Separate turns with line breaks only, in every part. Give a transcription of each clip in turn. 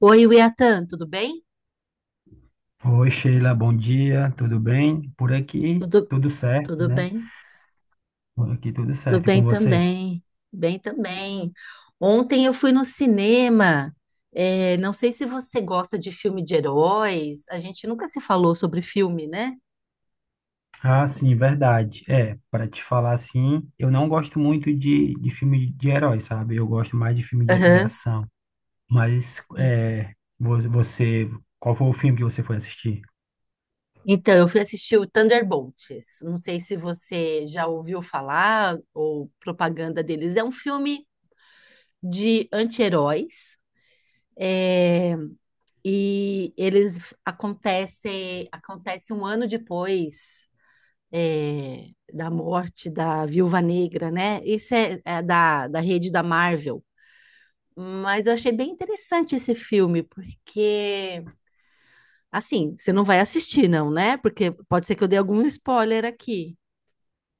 Oi, Wiatan, tudo bem?
Oi, Sheila, bom dia, tudo bem? Por aqui,
Tudo,
tudo certo,
tudo
né?
bem?
Por aqui, tudo
Tudo
certo, e
bem
com você?
também. Bem também. Ontem eu fui no cinema. É, não sei se você gosta de filme de heróis. A gente nunca se falou sobre filme, né?
Ah, sim, verdade. É, para te falar assim, eu não gosto muito de filme de herói, sabe? Eu gosto mais de filme de
Aham.
ação. Mas,
E-
é, você, qual foi o filme que você foi assistir?
Então, eu fui assistir o Thunderbolts. Não sei se você já ouviu falar ou propaganda deles. É um filme de anti-heróis. É, e eles acontece um ano depois é, da morte da Viúva Negra, né? Esse é, é da rede da Marvel. Mas eu achei bem interessante esse filme, porque, assim, você não vai assistir, não, né? Porque pode ser que eu dê algum spoiler aqui.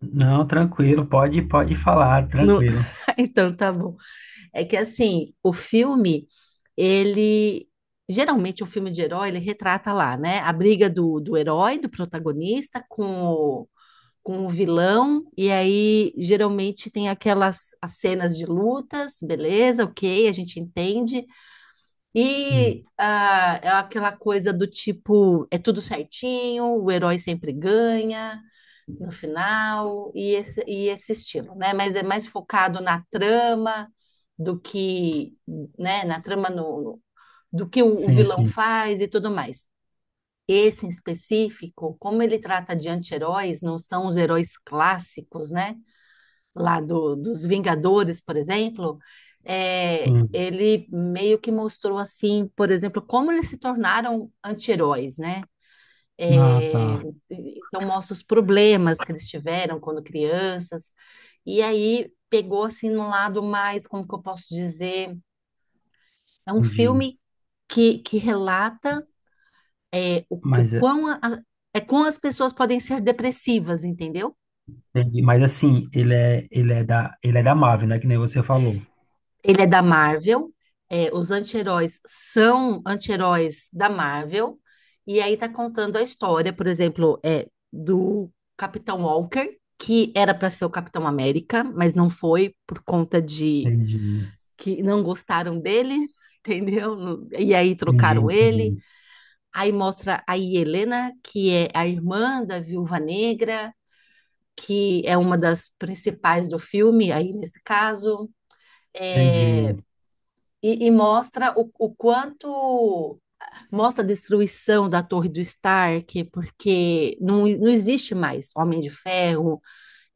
Não, tranquilo, pode falar,
No-
tranquilo.
Então tá bom. É que, assim, o filme, ele. Geralmente, o filme de herói, ele retrata lá, né? A briga do herói, do protagonista, com o vilão, e aí geralmente tem aquelas as cenas de lutas, beleza, ok, a gente entende, e
Sim,
ah, é aquela coisa do tipo, é tudo certinho, o herói sempre ganha no final, e esse estilo, né? Mas é mais focado na trama do que, né, na trama no do que o
sim,
vilão
sim,
faz e tudo mais. Esse em específico, como ele trata de anti-heróis, não são os heróis clássicos, né? Lá dos Vingadores, por exemplo, é,
sim.
ele meio que mostrou assim, por exemplo, como eles se tornaram anti-heróis, né?
Ah, tá,
É, então mostra os problemas que eles tiveram quando crianças, e aí pegou assim no lado mais, como que eu posso dizer, é um
entendi.
filme que relata é,
Mas
é quão as pessoas podem ser depressivas, entendeu?
Entendi. Mas assim, ele é da Marvel, né? Que nem você falou.
Ele é da Marvel, é, os anti-heróis são anti-heróis da Marvel, e aí tá contando a história, por exemplo, é, do Capitão Walker, que era para ser o Capitão América, mas não foi por conta de
Entendi.
que não gostaram dele, entendeu? E aí
Entendi,
trocaram ele.
entendi.
Aí mostra a Helena, que é a irmã da Viúva Negra. Que é uma das principais do filme, aí nesse caso, é,
Entendi,
e mostra o quanto mostra a destruição da Torre do Stark, porque não existe mais Homem de Ferro,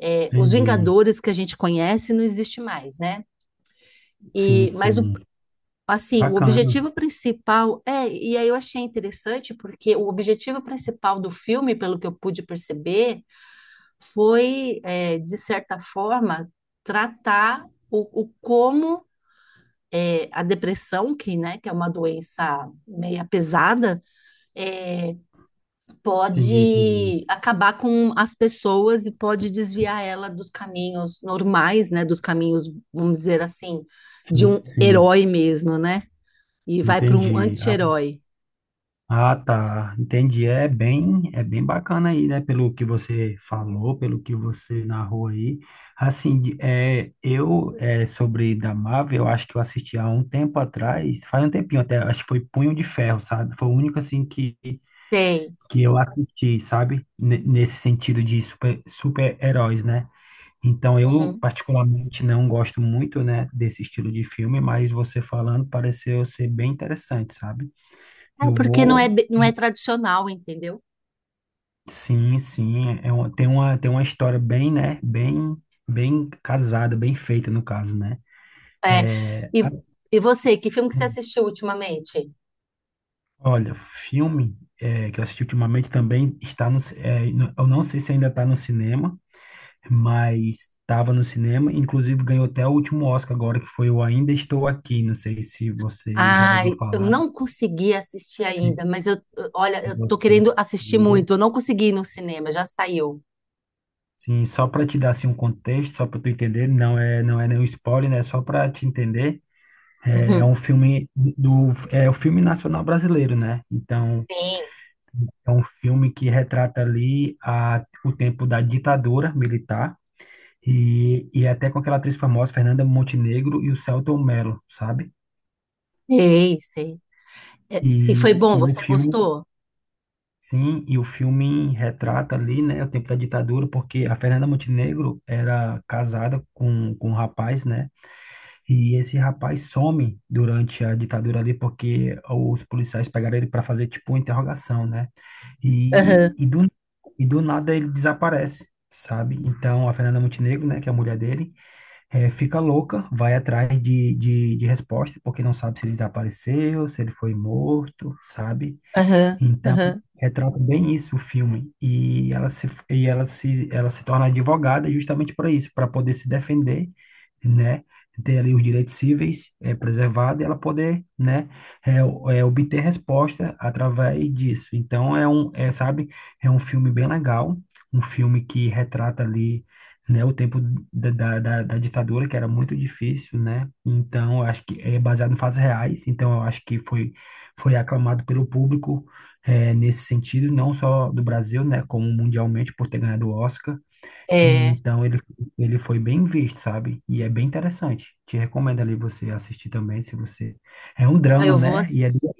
é, os
entendi.
Vingadores que a gente conhece não existe mais, né?
Sim,
E, mas o,
sim.
assim, o
Bacana.
objetivo principal é, e aí eu achei interessante porque o objetivo principal do filme, pelo que eu pude perceber, foi, é, de certa forma, tratar o como é, a depressão, que, né, que é uma doença meia pesada, é,
Entendi, entendi.
pode acabar com as pessoas e pode desviar ela dos caminhos normais, né, dos caminhos, vamos dizer assim, de
Sim,
um
sim.
herói mesmo, né? E vai para um
Entendi. Ah,
anti-herói.
ah, tá. Entendi. É bem bacana aí, né? Pelo que você falou, pelo que você narrou aí. Assim, é, eu, é, sobre da Marvel, eu acho que eu assisti há um tempo atrás, faz um tempinho até, acho que foi Punho de Ferro, sabe? Foi o único, assim, que
Sei.
que eu assisti, sabe? Nesse sentido de super, super-heróis, né? Então, eu
Uhum.
particularmente não gosto muito, né, desse estilo de filme, mas você falando pareceu ser bem interessante, sabe?
É
Eu
porque não é,
vou.
não é tradicional, entendeu?
Sim, sim. Tem uma história bem, né? Bem casada, bem feita, no caso, né?
É.
É,
E,
a-
e você, que filme que você assistiu ultimamente?
Olha, filme é, que eu assisti ultimamente também está no, eu não sei se ainda está no cinema, mas estava no cinema, inclusive ganhou até o último Oscar agora, que foi o Ainda Estou Aqui. Não sei se você já ouviu
Ai, eu
falar,
não consegui assistir
se,
ainda, mas
se
olha, eu tô
você
querendo assistir
assistiu.
muito. Eu não consegui ir no cinema, já saiu.
Sim, só para te dar assim, um contexto, só para tu entender, não é nenhum spoiler, né? Só para te entender. É, é
Uhum.
um filme do, é o filme nacional brasileiro, né? Então,
Sim,
é um filme que retrata ali o tempo da ditadura militar e até com aquela atriz famosa, Fernanda Montenegro e o Selton Mello, sabe?
sei, sei. É, e foi
E,
bom,
e o
você
filme,
gostou?
sim, e o filme retrata ali, né, o tempo da ditadura, porque a Fernanda Montenegro era casada com um rapaz, né, e esse rapaz some durante a ditadura ali, porque os policiais pegaram ele para fazer, tipo, uma interrogação, né,
Aham,
e, e, do, e do nada ele desaparece, sabe? Então a Fernanda Montenegro, né, que é a mulher dele, fica louca, vai atrás de resposta, porque não sabe se ele desapareceu, se ele foi morto, sabe?
aham,
Então,
aham.
retrata bem isso o filme. E ela se torna advogada justamente para isso, para poder se defender, né? Ter ali os direitos cíveis preservados e ela poder, né, obter resposta através disso. Então, sabe, é um filme bem legal, um filme que retrata ali, né, o tempo da ditadura, que era muito difícil, né? Então, eu acho que é baseado em fatos reais, então eu acho que foi aclamado pelo público, é, nesse sentido, não só do Brasil, né, como mundialmente por ter ganhado o Oscar. E,
É,
então ele foi bem visto, sabe? E é bem interessante. Te recomendo ali você assistir também, se você... É um
não,
drama,
eu vou
né? E é,
assistir.
du-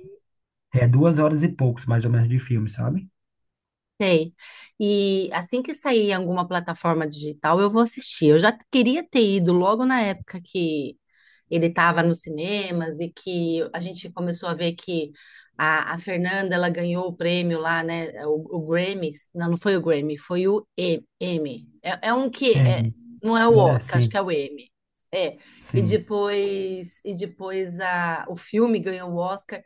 é duas horas e poucos, mais ou menos, de filme, sabe?
Sei. E assim que sair em alguma plataforma digital, eu vou assistir. Eu já queria ter ido logo na época que ele estava nos cinemas e que a gente começou a ver que a Fernanda ela ganhou o prêmio lá, né? O Grammy. Não foi o Grammy, foi o E- M. É, é um que
É,
é, não é o
é
Oscar, acho que
sim,
é o M. É.
sim.
E depois o filme ganhou o Oscar.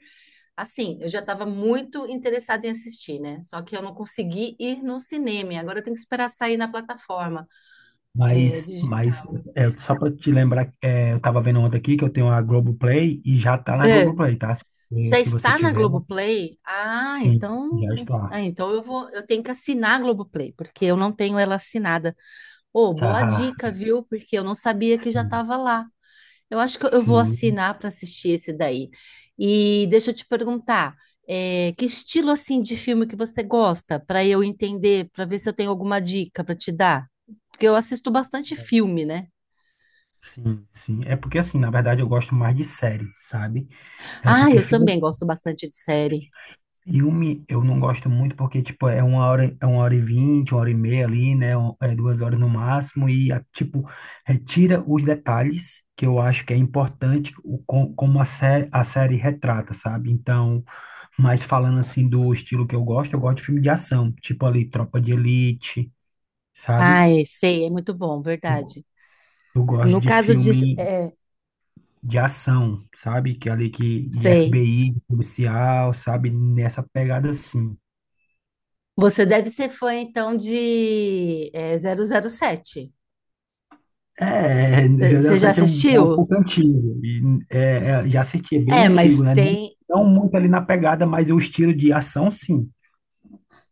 Assim, eu já estava muito interessada em assistir, né? Só que eu não consegui ir no cinema. Agora eu tenho que esperar sair na plataforma. É,
Mas, mas é, só para te lembrar, é, eu tava vendo ontem aqui que eu tenho a Globoplay e já tá na
é,
Globoplay, tá? Se,
já
se você
está na
tiver,
Globoplay?
sim, já está.
Ah, então eu vou, eu tenho que assinar a Globoplay, porque eu não tenho ela assinada. Ô, boa
Tá.
dica, viu? Porque eu não sabia que já
Sim,
estava lá. Eu acho que eu vou
sim.
assinar para assistir esse daí. E deixa eu te perguntar, é, que estilo assim de filme que você gosta, para eu entender, para ver se eu tenho alguma dica para te dar? Porque eu assisto bastante filme, né?
Sim, sim. É porque, assim, na verdade eu gosto mais de série, sabe? É
Ah,
porque
eu
filme,
também
assim,
gosto bastante de série.
filme eu não gosto muito porque, tipo, é uma hora e vinte, uma hora e meia ali, né? É duas horas no máximo e, tipo, retira os detalhes que eu acho que é importante como a série retrata, sabe? Então, mas falando, assim, do estilo que eu gosto de filme de ação, tipo ali, Tropa de Elite, sabe?
Ai, sei, é muito bom,
Eu
verdade.
eu gosto
No
de
caso de,
filme
é,
de ação, sabe? Que é ali que de
sei.
FBI, de policial, sabe? Nessa pegada assim.
Você deve ser fã então de é, 007.
É,
Você já
007 é um,
assistiu?
pouco antigo. E, é, já assisti, é bem
É, mas
antigo, né? Não,
tem.
não muito ali na pegada, mas o estilo de ação, sim.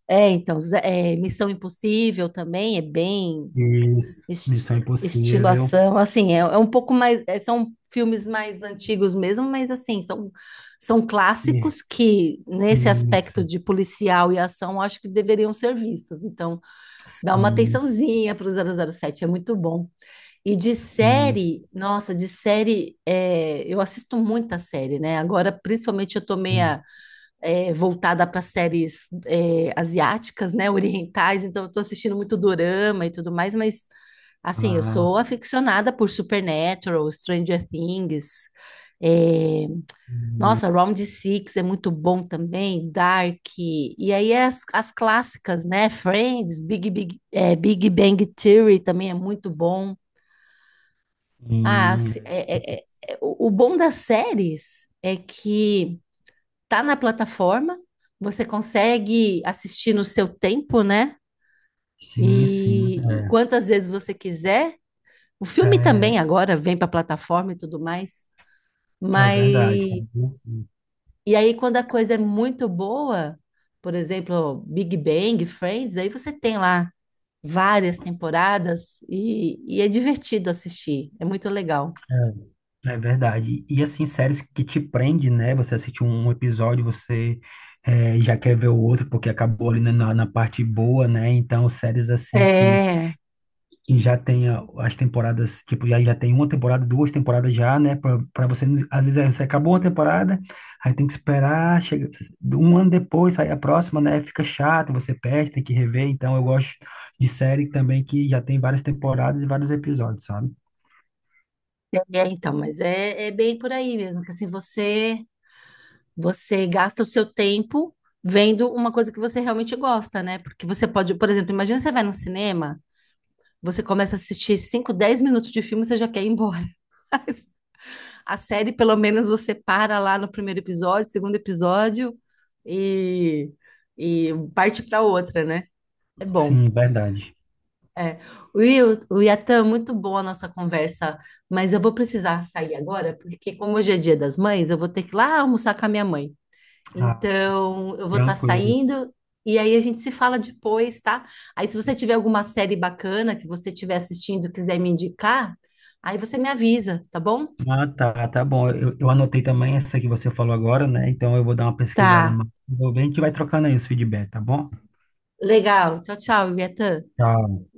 É, então, Missão Impossível também é bem
Isso.
esti
Missão
estilo
Impossível.
assim, é, é um pouco mais, é, são filmes mais antigos mesmo, mas assim, são, são
E-
clássicos que, nesse
Isso.
aspecto de policial e ação, acho que deveriam ser vistos. Então, dá uma
Sim,
atençãozinha para o 007 é muito bom. E de
sim,
série, nossa, de série, é, eu assisto muita série, né? Agora, principalmente, eu tô
sim.
meia é, voltada para séries é, asiáticas, né, orientais, então eu tô assistindo muito dorama e tudo mais, mas assim, eu
Ah,
sou aficionada por Supernatural, Stranger Things, é,
hum,
nossa, Round Six é muito bom também, Dark, e aí é as clássicas, né, Friends, Big Bang Theory também é muito bom. Ah, se- é- é- é- o bom das séries é que tá na plataforma, você consegue assistir no seu tempo, né?
sim, sim, sim.
E quantas vezes você quiser. O filme
É,
também agora vem para a plataforma e tudo mais.
é
Mas
verdade. É, bem assim.
e aí quando a coisa é muito boa, por exemplo, Big Bang, Friends, aí você tem lá várias temporadas e é divertido assistir. É muito legal.
É verdade. E assim, séries que te prende, né? Você assiste um episódio, você já quer ver o outro, porque acabou ali na parte boa, né? Então, séries assim que,
É,
que já tem as temporadas, tipo, já tem uma temporada, duas temporadas já, né? Pra você, às vezes, aí você acabou uma temporada, aí tem que esperar, chega um ano depois, sai a próxima, né? Fica chato, você perde, tem que rever. Então, eu gosto de série também que já tem várias temporadas e vários episódios, sabe?
então, mas é, é bem por aí mesmo, que assim você gasta o seu tempo vendo uma coisa que você realmente gosta, né? Porque você pode, por exemplo, imagina você vai no cinema, você começa a assistir 5, 10 minutos de filme, você já quer ir embora. A série, pelo menos, você para lá no primeiro episódio, segundo episódio e, e parte para outra, né? É bom.
Sim, verdade.
É. Will, o Yatan, muito boa a nossa conversa, mas eu vou precisar sair agora, porque como hoje é dia das mães, eu vou ter que ir lá almoçar com a minha mãe.
Ah,
Então, eu vou estar
tranquilo.
saindo e aí a gente se fala depois, tá? Aí, se você tiver alguma série bacana que você estiver assistindo e quiser me indicar, aí você me avisa, tá bom?
Ah, tá, tá bom. Eu anotei também essa que você falou agora, né? Então eu vou dar uma pesquisada
Tá.
mais. Vou ver, a gente vai trocando aí os feedback, tá bom?
Legal. Tchau, tchau, Ibiatã.
Tá.